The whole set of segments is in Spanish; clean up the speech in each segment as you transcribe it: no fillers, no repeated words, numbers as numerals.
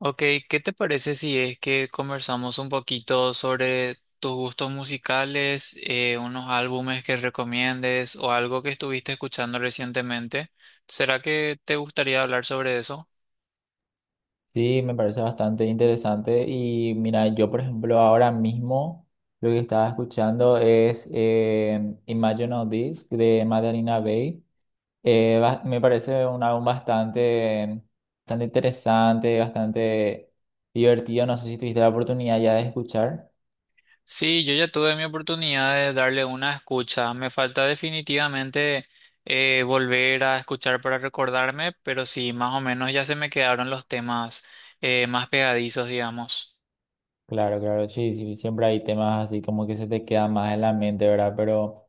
Ok, ¿qué te parece si es que conversamos un poquito sobre tus gustos musicales, unos álbumes que recomiendes o algo que estuviste escuchando recientemente? ¿Será que te gustaría hablar sobre eso? Sí, me parece bastante interesante. Y mira, yo por ejemplo ahora mismo lo que estaba escuchando es Imagine All This de Madalina Bay. Me parece un álbum bastante interesante, bastante divertido. No sé si tuviste la oportunidad ya de escuchar. Sí, yo ya tuve mi oportunidad de darle una escucha. Me falta definitivamente volver a escuchar para recordarme, pero sí, más o menos ya se me quedaron los temas más pegadizos, digamos. Claro, claro, sí, sí, siempre hay temas así como que se te quedan más en la mente, ¿verdad? Pero...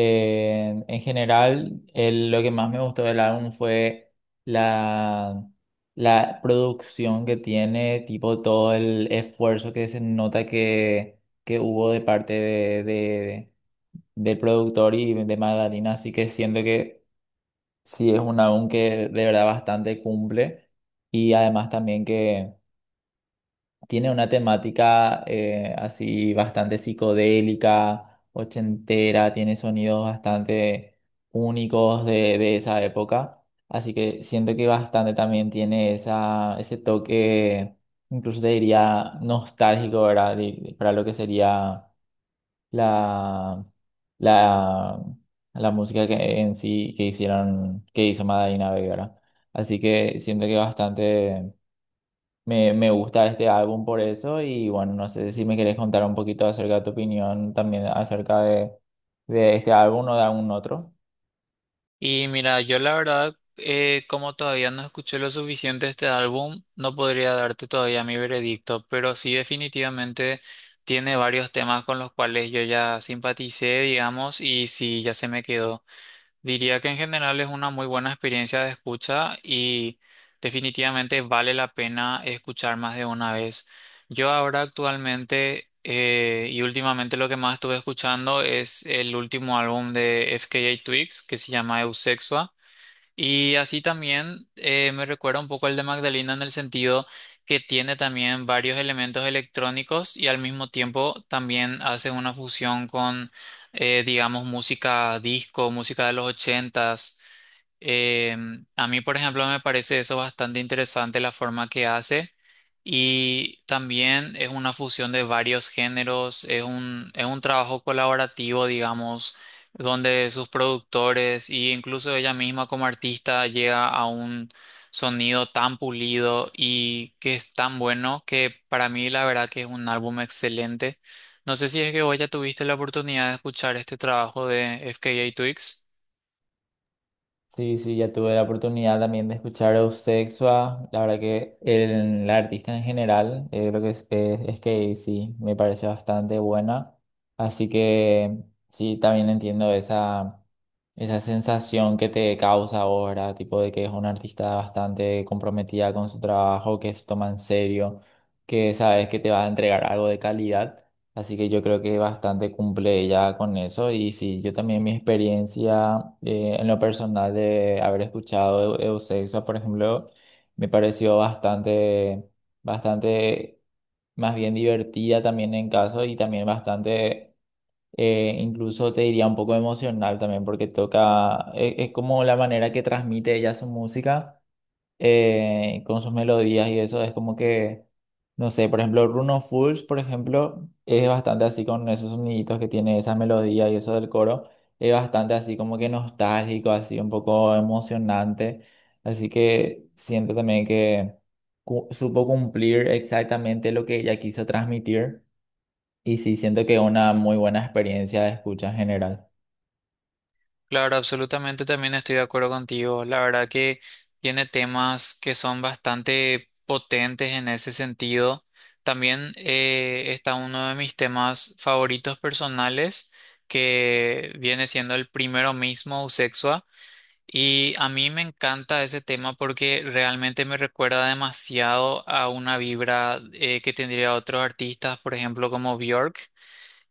En general, el- lo que más me gustó del álbum fue la, la producción que tiene, tipo todo el esfuerzo que se nota que hubo de parte del productor y de Magdalena. Así que siento que sí es un álbum que de verdad bastante cumple y además también que tiene una temática así bastante psicodélica, ochentera, tiene sonidos bastante únicos de esa época. Así que siento que bastante también tiene ese toque, incluso te diría nostálgico, ¿verdad? Para lo que sería la, la, la música en sí que que hizo Madalina Bay, ¿verdad? Así que siento que bastante. Me gusta este álbum por eso y bueno, no sé si me querés contar un poquito acerca de tu opinión también acerca de este álbum o de algún otro. Y mira, yo la verdad, como todavía no escuché lo suficiente de este álbum, no podría darte todavía mi veredicto, pero sí definitivamente tiene varios temas con los cuales yo ya simpaticé, digamos, y sí, ya se me quedó. Diría que en general es una muy buena experiencia de escucha y definitivamente vale la pena escuchar más de una vez. Yo ahora actualmente y últimamente lo que más estuve escuchando es el último álbum de FKA Twigs, que se llama Eusexia. Y así también, me recuerda un poco el de Magdalena, en el sentido que tiene también varios elementos electrónicos y al mismo tiempo también hace una fusión con, digamos, música disco, música de los ochentas. eh, a mí, por ejemplo, me parece eso bastante interesante, la forma que hace, y también es una fusión de varios géneros. Es un trabajo colaborativo, digamos, donde sus productores e incluso ella misma como artista llega a un sonido tan pulido y que es tan bueno que para mí la verdad que es un álbum excelente. No sé si es que vos ya tuviste la oportunidad de escuchar este trabajo de FKA Twigs. Sí, sí, ya tuve la oportunidad también de escuchar a Eusexia. La verdad que la artista en general, lo que es que sí, me parece bastante buena. Así que sí, también entiendo esa sensación que te causa ahora, tipo de que es una artista bastante comprometida con su trabajo, que se toma en serio, que sabes que te va a entregar algo de calidad. Así que yo creo que bastante cumple ya con eso. Y sí, yo también mi experiencia en lo personal de haber escuchado Eusexia, por ejemplo, me pareció bastante más bien divertida también en caso y también incluso te diría un poco emocional también porque toca, es como la manera que transmite ella su música con sus melodías y eso es como que, no sé, por ejemplo, Bruno Fools, por ejemplo, es bastante así con esos soniditos que tiene esa melodía y eso del coro, es bastante así como que nostálgico, así un poco emocionante, así que siento también que supo cumplir exactamente lo que ella quiso transmitir y sí siento que una muy buena experiencia de escucha en general. Claro, absolutamente también estoy de acuerdo contigo. La verdad que tiene temas que son bastante potentes en ese sentido. También, está uno de mis temas favoritos personales, que viene siendo el primero mismo, Usexua. Y a mí me encanta ese tema porque realmente me recuerda demasiado a una vibra que tendría otros artistas, por ejemplo, como Björk.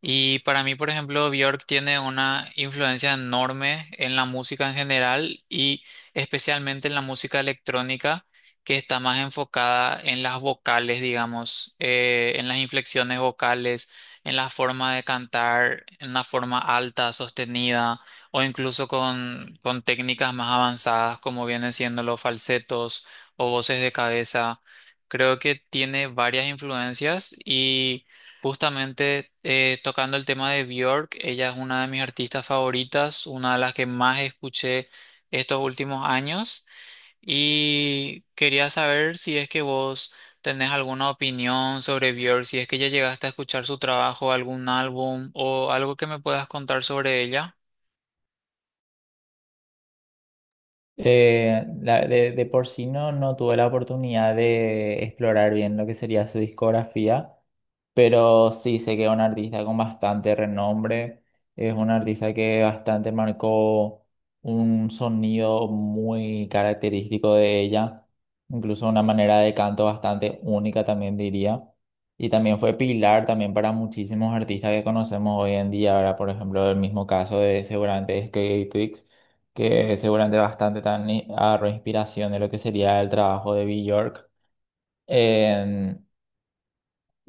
Y para mí, por ejemplo, Björk tiene una influencia enorme en la música en general y especialmente en la música electrónica, que está más enfocada en las vocales, digamos, en las inflexiones vocales, en la forma de cantar, en la forma alta, sostenida, o incluso con técnicas más avanzadas, como vienen siendo los falsetos o voces de cabeza. Creo que tiene varias influencias. Y. Justamente, tocando el tema de Björk, ella es una de mis artistas favoritas, una de las que más escuché estos últimos años, y quería saber si es que vos tenés alguna opinión sobre Björk, si es que ya llegaste a escuchar su trabajo, algún álbum o algo que me puedas contar sobre ella. De por sí no, no tuve la oportunidad de explorar bien lo que sería su discografía, pero sí sé que es un artista con bastante renombre, es un artista que bastante marcó un sonido muy característico de ella, incluso una manera de canto bastante única también diría, y también fue pilar también para muchísimos artistas que conocemos hoy en día, ahora por ejemplo el mismo caso de seguramente Skate que seguramente bastante también agarró inspiración de lo que sería el trabajo de Björk. Eh,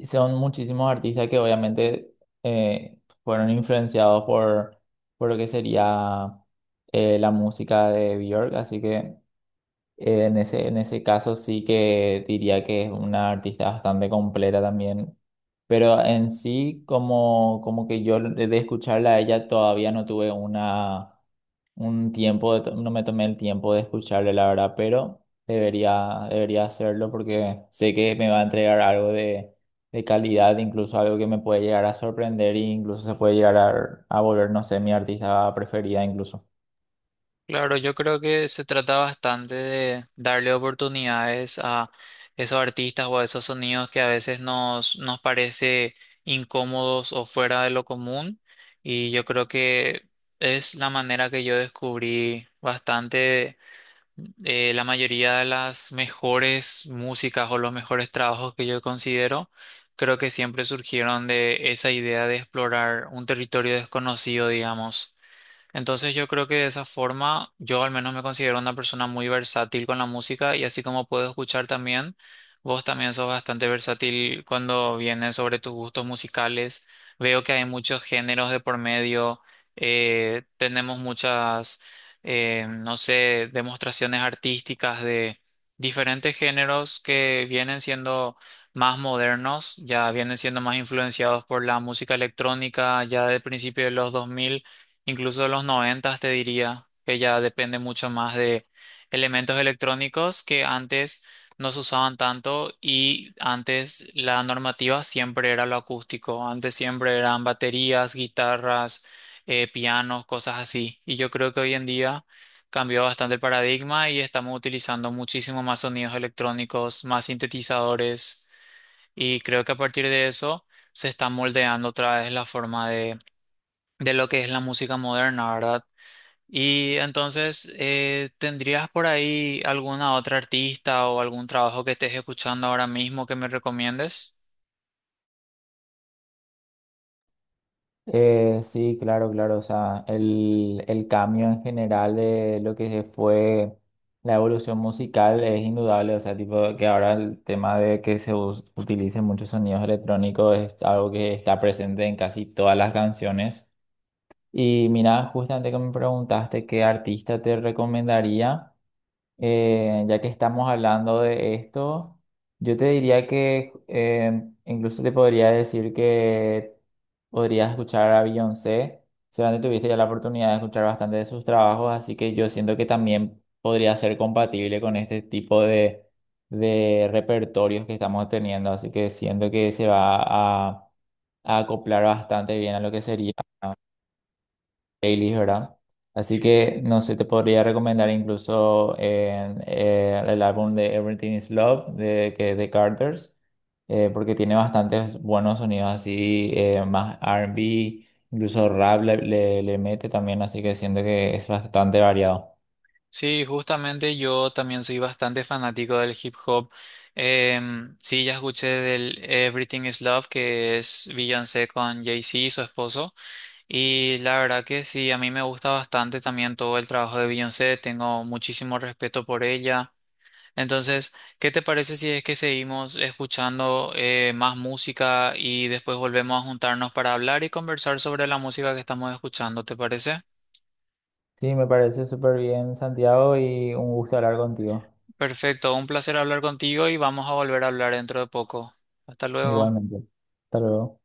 son muchísimos artistas que obviamente eh, fueron influenciados por lo que sería la música de Björk, así que en ese caso sí que diría que es una artista bastante completa también. Pero en sí, como, como que yo de escucharla a ella todavía no tuve una un tiempo, de no me tomé el tiempo de escucharle, la verdad, pero debería, debería hacerlo porque sé que me va a entregar algo de calidad, incluso algo que me puede llegar a sorprender e incluso se puede llegar a volver, no sé, mi artista preferida incluso. Claro, yo creo que se trata bastante de darle oportunidades a esos artistas o a esos sonidos que a veces nos parece incómodos o fuera de lo común. Y yo creo que es la manera que yo descubrí bastante, la mayoría de las mejores músicas o los mejores trabajos que yo considero. Creo que siempre surgieron de esa idea de explorar un territorio desconocido, digamos. Entonces yo creo que de esa forma yo al menos me considero una persona muy versátil con la música, y así como puedo escuchar también, vos también sos bastante versátil cuando viene sobre tus gustos musicales. Veo que hay muchos géneros de por medio. Tenemos muchas, no sé, demostraciones artísticas de diferentes géneros, que vienen siendo más modernos, ya vienen siendo más influenciados por la música electrónica ya de principios de los 2000, incluso los noventas, te diría que ya depende mucho más de elementos electrónicos que antes no se usaban tanto, y antes la normativa siempre era lo acústico, antes siempre eran baterías, guitarras, pianos, cosas así. Y yo creo que hoy en día cambió bastante el paradigma y estamos utilizando muchísimo más sonidos electrónicos, más sintetizadores, y creo que a partir de eso se está moldeando otra vez la forma de lo que es la música moderna, ¿verdad? Y entonces, ¿tendrías por ahí alguna otra artista o algún trabajo que estés escuchando ahora mismo que me recomiendes? Sí, claro, claro. O sea, el cambio en general de lo que fue la evolución musical es indudable. O sea, tipo que ahora el tema de que se utilicen muchos sonidos electrónicos es algo que está presente en casi todas las canciones. Y mira, justamente que me preguntaste qué artista te recomendaría. Ya que estamos hablando de esto, yo te diría que incluso te podría decir que podrías escuchar a Beyoncé. Seguramente tuviste ya la oportunidad de escuchar bastante de sus trabajos, así que yo siento que también podría ser compatible con este tipo de repertorios que estamos teniendo. Así que siento que se va a acoplar bastante bien a lo que sería playlists, ¿verdad? Así que no sé, te podría recomendar incluso en, el álbum de Everything is Love de Carters, porque tiene bastantes buenos sonidos así, más R&B, incluso rap le mete también, así que siento que es bastante variado. Sí, justamente yo también soy bastante fanático del hip hop. Sí, ya escuché del Everything is Love, que es Beyoncé con Jay-Z, y su esposo. Y la verdad que sí, a mí me gusta bastante también todo el trabajo de Beyoncé. Tengo muchísimo respeto por ella. Entonces, ¿qué te parece si es que seguimos escuchando más música y después volvemos a juntarnos para hablar y conversar sobre la música que estamos escuchando? ¿Te parece? Sí, me parece súper bien, Santiago, y un gusto hablar contigo. Perfecto, un placer hablar contigo y vamos a volver a hablar dentro de poco. Hasta luego. Igualmente. Hasta luego.